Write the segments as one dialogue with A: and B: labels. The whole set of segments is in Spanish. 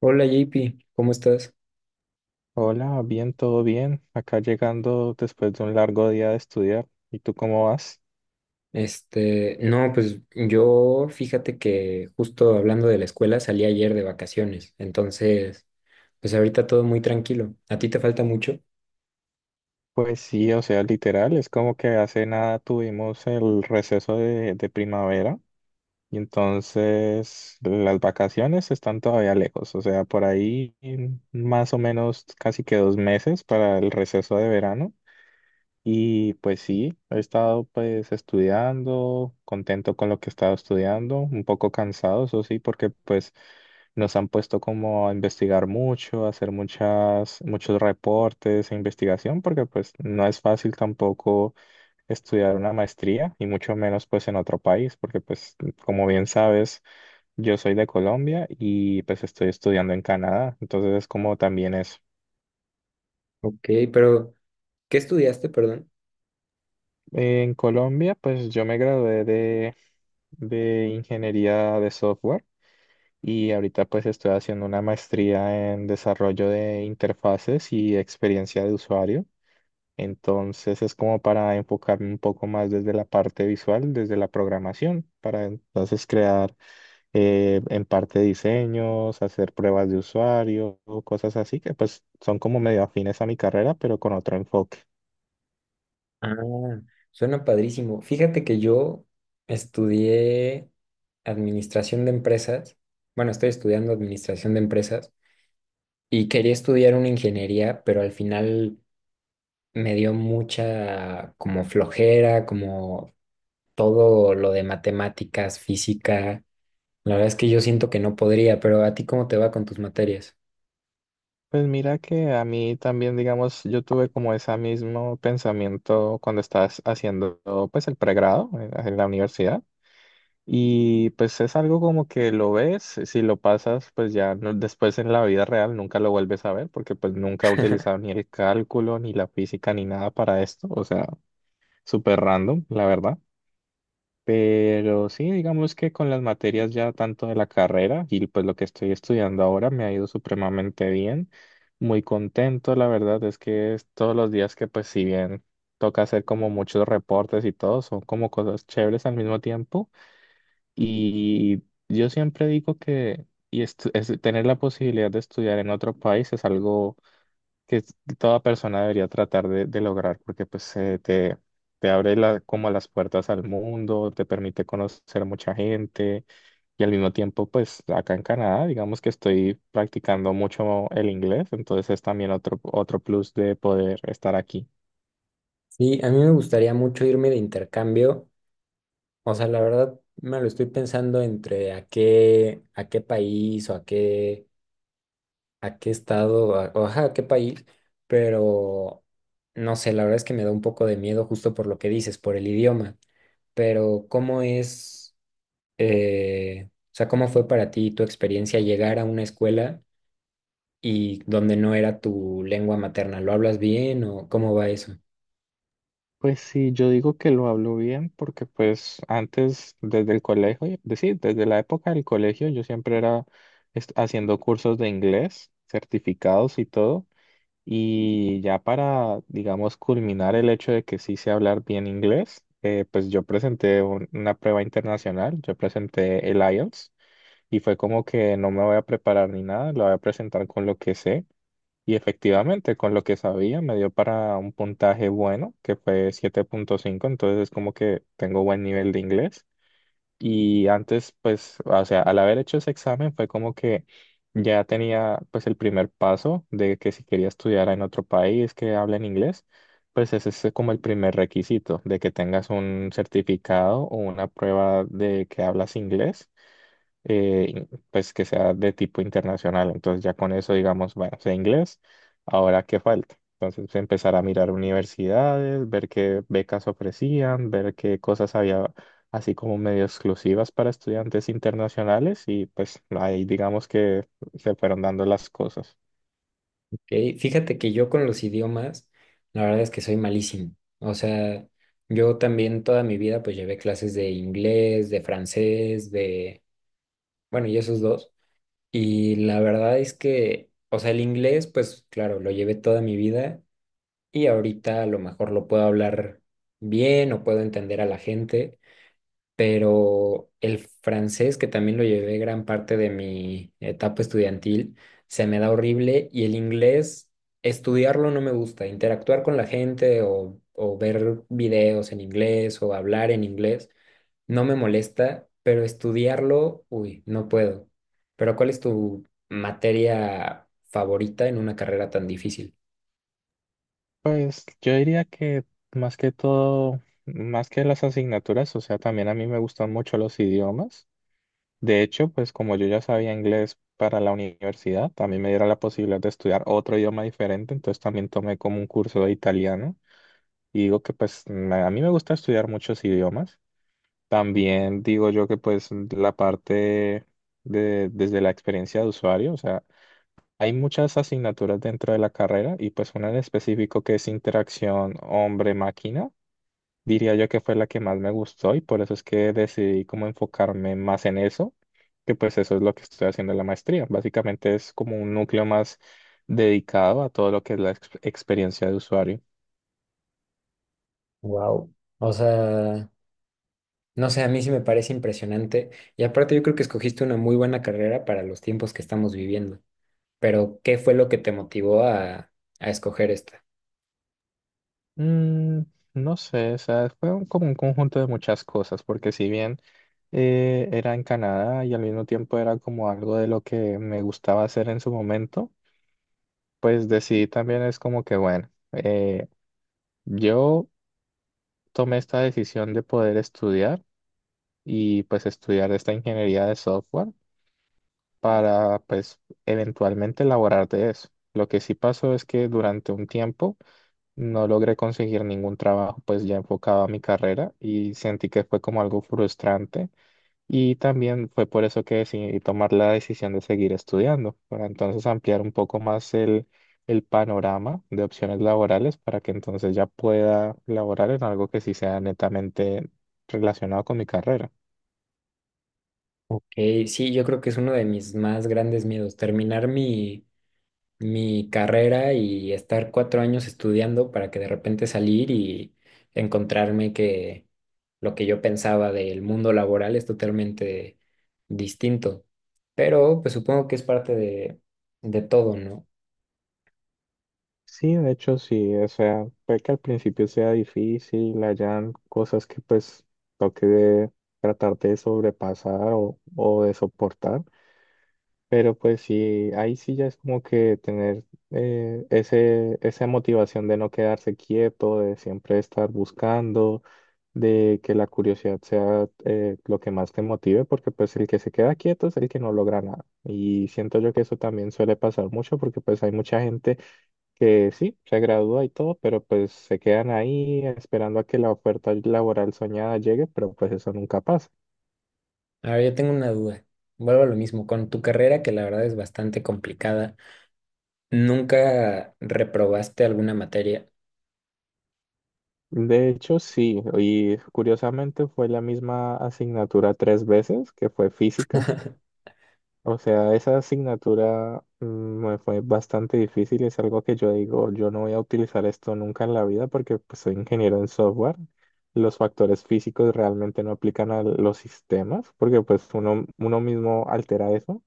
A: Hola JP, ¿cómo estás?
B: Hola, bien, todo bien. Acá llegando después de un largo día de estudiar. ¿Y tú cómo vas?
A: Este, no, pues yo fíjate que justo hablando de la escuela salí ayer de vacaciones, entonces, pues ahorita todo muy tranquilo. ¿A ti te falta mucho?
B: Pues sí, o sea, literal, es como que hace nada tuvimos el receso de primavera y entonces las vacaciones están todavía lejos, o sea, por ahí más o menos casi que 2 meses para el receso de verano. Y pues sí, he estado pues estudiando, contento con lo que he estado estudiando, un poco cansado, eso sí, porque pues nos han puesto como a investigar mucho, a hacer muchos reportes e investigación, porque pues no es fácil tampoco estudiar una maestría y mucho menos pues en otro país, porque pues como bien sabes, yo soy de Colombia y pues estoy estudiando en Canadá, entonces es como también es.
A: Ok, pero ¿qué estudiaste, perdón?
B: En Colombia, pues yo me gradué de ingeniería de software y ahorita pues estoy haciendo una maestría en desarrollo de interfaces y experiencia de usuario. Entonces es como para enfocarme un poco más desde la parte visual, desde la programación, para entonces crear en parte diseños, hacer pruebas de usuario, cosas así que pues son como medio afines a mi carrera, pero con otro enfoque.
A: Ah, suena padrísimo. Fíjate que yo estudié administración de empresas, bueno, estoy estudiando administración de empresas y quería estudiar una ingeniería, pero al final me dio mucha como flojera, como todo lo de matemáticas, física. La verdad es que yo siento que no podría, pero ¿a ti cómo te va con tus materias?
B: Pues mira que a mí también, digamos, yo tuve como ese mismo pensamiento cuando estás haciendo pues el pregrado en la universidad y pues es algo como que lo ves, si lo pasas pues después en la vida real nunca lo vuelves a ver porque pues nunca he utilizado ni el cálculo, ni la física, ni nada para esto, o sea, súper random, la verdad. Pero sí, digamos que con las materias ya tanto de la carrera y pues lo que estoy estudiando ahora me ha ido supremamente bien. Muy contento, la verdad es que es todos los días que pues si bien toca hacer como muchos reportes y todo, son como cosas chéveres al mismo tiempo. Y yo siempre digo que tener la posibilidad de estudiar en otro país es algo que toda persona debería tratar de lograr, porque pues te abre como las puertas al mundo, te permite conocer mucha gente y al mismo tiempo pues acá en Canadá digamos que estoy practicando mucho el inglés, entonces es también otro plus de poder estar aquí.
A: Sí, a mí me gustaría mucho irme de intercambio. O sea, la verdad me lo estoy pensando entre a qué país o a qué estado, o ajá, a qué país, pero no sé, la verdad es que me da un poco de miedo justo por lo que dices, por el idioma. Pero ¿cómo es, o sea, cómo fue para ti tu experiencia llegar a una escuela y donde no era tu lengua materna? ¿Lo hablas bien o cómo va eso?
B: Pues sí, yo digo que lo hablo bien porque pues antes desde el colegio, es decir, desde la época del colegio yo siempre era haciendo cursos de inglés, certificados y todo. Y ya para, digamos, culminar el hecho de que sí sé hablar bien inglés, pues yo presenté una prueba internacional, yo presenté el IELTS y fue como que no me voy a preparar ni nada, lo voy a presentar con lo que sé. Y efectivamente, con lo que sabía, me dio para un puntaje bueno, que fue 7,5 entonces es como que tengo buen nivel de inglés. Y antes, pues, o sea, al haber hecho ese examen fue como que ya tenía pues el primer paso de que si quería estudiar en otro país que hable en inglés, pues ese es como el primer requisito de que tengas un certificado o una prueba de que hablas inglés eh, pues que sea de tipo internacional. Entonces ya con eso, digamos, bueno, sé inglés, ahora qué falta. Entonces pues, empezar a mirar universidades, ver qué becas ofrecían, ver qué cosas había así como medio exclusivas para estudiantes internacionales y pues ahí digamos que se fueron dando las cosas.
A: Ok, fíjate que yo con los idiomas, la verdad es que soy malísimo. O sea, yo también toda mi vida pues llevé clases de inglés, de francés, de, bueno, y esos dos. Y la verdad es que, o sea, el inglés pues claro, lo llevé toda mi vida y ahorita a lo mejor lo puedo hablar bien o puedo entender a la gente, pero el francés, que también lo llevé gran parte de mi etapa estudiantil, se me da horrible y el inglés, estudiarlo no me gusta, interactuar con la gente o ver videos en inglés o hablar en inglés, no me molesta, pero estudiarlo, uy, no puedo. Pero ¿cuál es tu materia favorita en una carrera tan difícil?
B: Pues yo diría que más que todo, más que las asignaturas, o sea, también a mí me gustan mucho los idiomas. De hecho, pues como yo ya sabía inglés para la universidad, también me dieron la posibilidad de estudiar otro idioma diferente, entonces también tomé como un curso de italiano y digo que pues a mí me gusta estudiar muchos idiomas. También digo yo que pues la parte de desde la experiencia de usuario, o sea, hay muchas asignaturas dentro de la carrera y pues una en específico que es interacción hombre-máquina diría yo que fue la que más me gustó y por eso es que decidí como enfocarme más en eso, que pues eso es lo que estoy haciendo en la maestría. Básicamente es como un núcleo más dedicado a todo lo que es la experiencia de usuario.
A: Wow. O sea, no sé, a mí sí me parece impresionante. Y aparte yo creo que escogiste una muy buena carrera para los tiempos que estamos viviendo. Pero ¿qué fue lo que te motivó a escoger esta?
B: Mm, no sé, o sea, fue como un conjunto de muchas cosas, porque si bien era en Canadá y al mismo tiempo era como algo de lo que me gustaba hacer en su momento, pues decidí también es como que, bueno, yo tomé esta decisión de poder estudiar. Y pues estudiar esta ingeniería de software para pues eventualmente elaborar de eso. Lo que sí pasó es que durante un tiempo no logré conseguir ningún trabajo pues ya enfocado a mi carrera y sentí que fue como algo frustrante y también fue por eso que decidí tomar la decisión de seguir estudiando para entonces ampliar un poco más el panorama de opciones laborales para que entonces ya pueda laborar en algo que sí sea netamente relacionado con mi carrera.
A: Ok, sí, yo creo que es uno de mis más grandes miedos, terminar mi carrera y estar 4 años estudiando para que de repente salir y encontrarme que lo que yo pensaba del mundo laboral es totalmente distinto. Pero pues supongo que es parte de todo, ¿no?
B: Sí, de hecho sí, o sea, puede que al principio sea difícil, hayan cosas que pues toque de tratar de sobrepasar o de soportar, pero pues sí, ahí sí ya es como que tener esa motivación de no quedarse quieto, de siempre estar buscando, de que la curiosidad sea lo que más te motive, porque pues el que se queda quieto es el que no logra nada. Y siento yo que eso también suele pasar mucho porque pues hay mucha gente que sí, se gradúa y todo, pero pues se quedan ahí esperando a que la oferta laboral soñada llegue, pero pues eso nunca pasa.
A: A ver, yo tengo una duda. Vuelvo a lo mismo, con tu carrera, que la verdad es bastante complicada, ¿nunca reprobaste alguna materia?
B: De hecho, sí, y curiosamente fue la misma asignatura tres veces, que fue física. O sea, esa asignatura me fue bastante difícil, es algo que yo digo, yo no voy a utilizar esto nunca en la vida porque pues, soy ingeniero en software. Los factores físicos realmente no aplican a los sistemas porque pues uno mismo altera eso.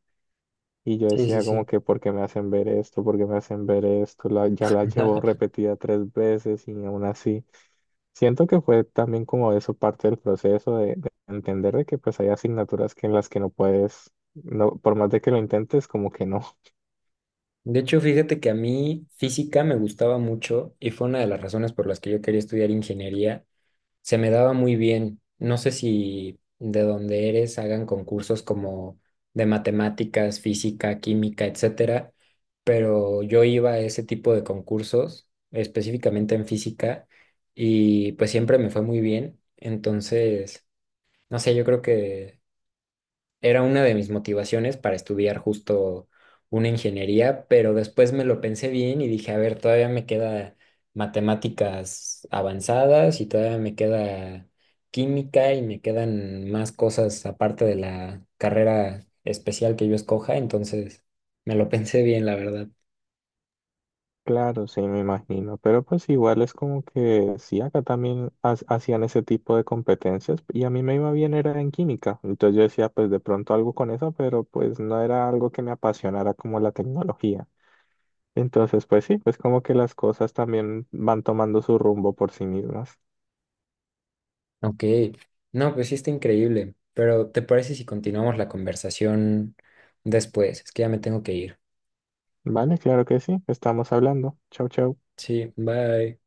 B: Y yo
A: Sí, sí,
B: decía
A: sí.
B: como que, ¿por qué me hacen ver esto? ¿Por qué me hacen ver esto? La- ya la llevo repetida tres veces y aún así. Siento que fue también como eso parte del proceso de entender de que pues hay asignaturas que en las que no puedes, no, por más de que lo intentes, como que no.
A: De hecho, fíjate que a mí física me gustaba mucho y fue una de las razones por las que yo quería estudiar ingeniería, se me daba muy bien. No sé si de donde eres hagan concursos como de matemáticas, física, química, etcétera, pero yo iba a ese tipo de concursos, específicamente en física, y pues siempre me fue muy bien. Entonces, no sé, yo creo que era una de mis motivaciones para estudiar justo una ingeniería, pero después me lo pensé bien y dije, a ver, todavía me queda matemáticas avanzadas y todavía me queda química y me quedan más cosas aparte de la carrera especial que yo escoja, entonces me lo pensé bien, la verdad.
B: Claro, sí, me imagino. Pero pues igual es como que sí, acá también hacían ese tipo de competencias y a mí me iba bien era en química. Entonces yo decía, pues de pronto algo con eso, pero pues no era algo que me apasionara como la tecnología. Entonces, pues sí, pues como que las cosas también van tomando su rumbo por sí mismas.
A: Ok, no, pues sí está increíble, pero ¿te parece si continuamos la conversación después? Es que ya me tengo que ir.
B: Vale, claro que sí, estamos hablando. Chau, chau.
A: Sí, bye.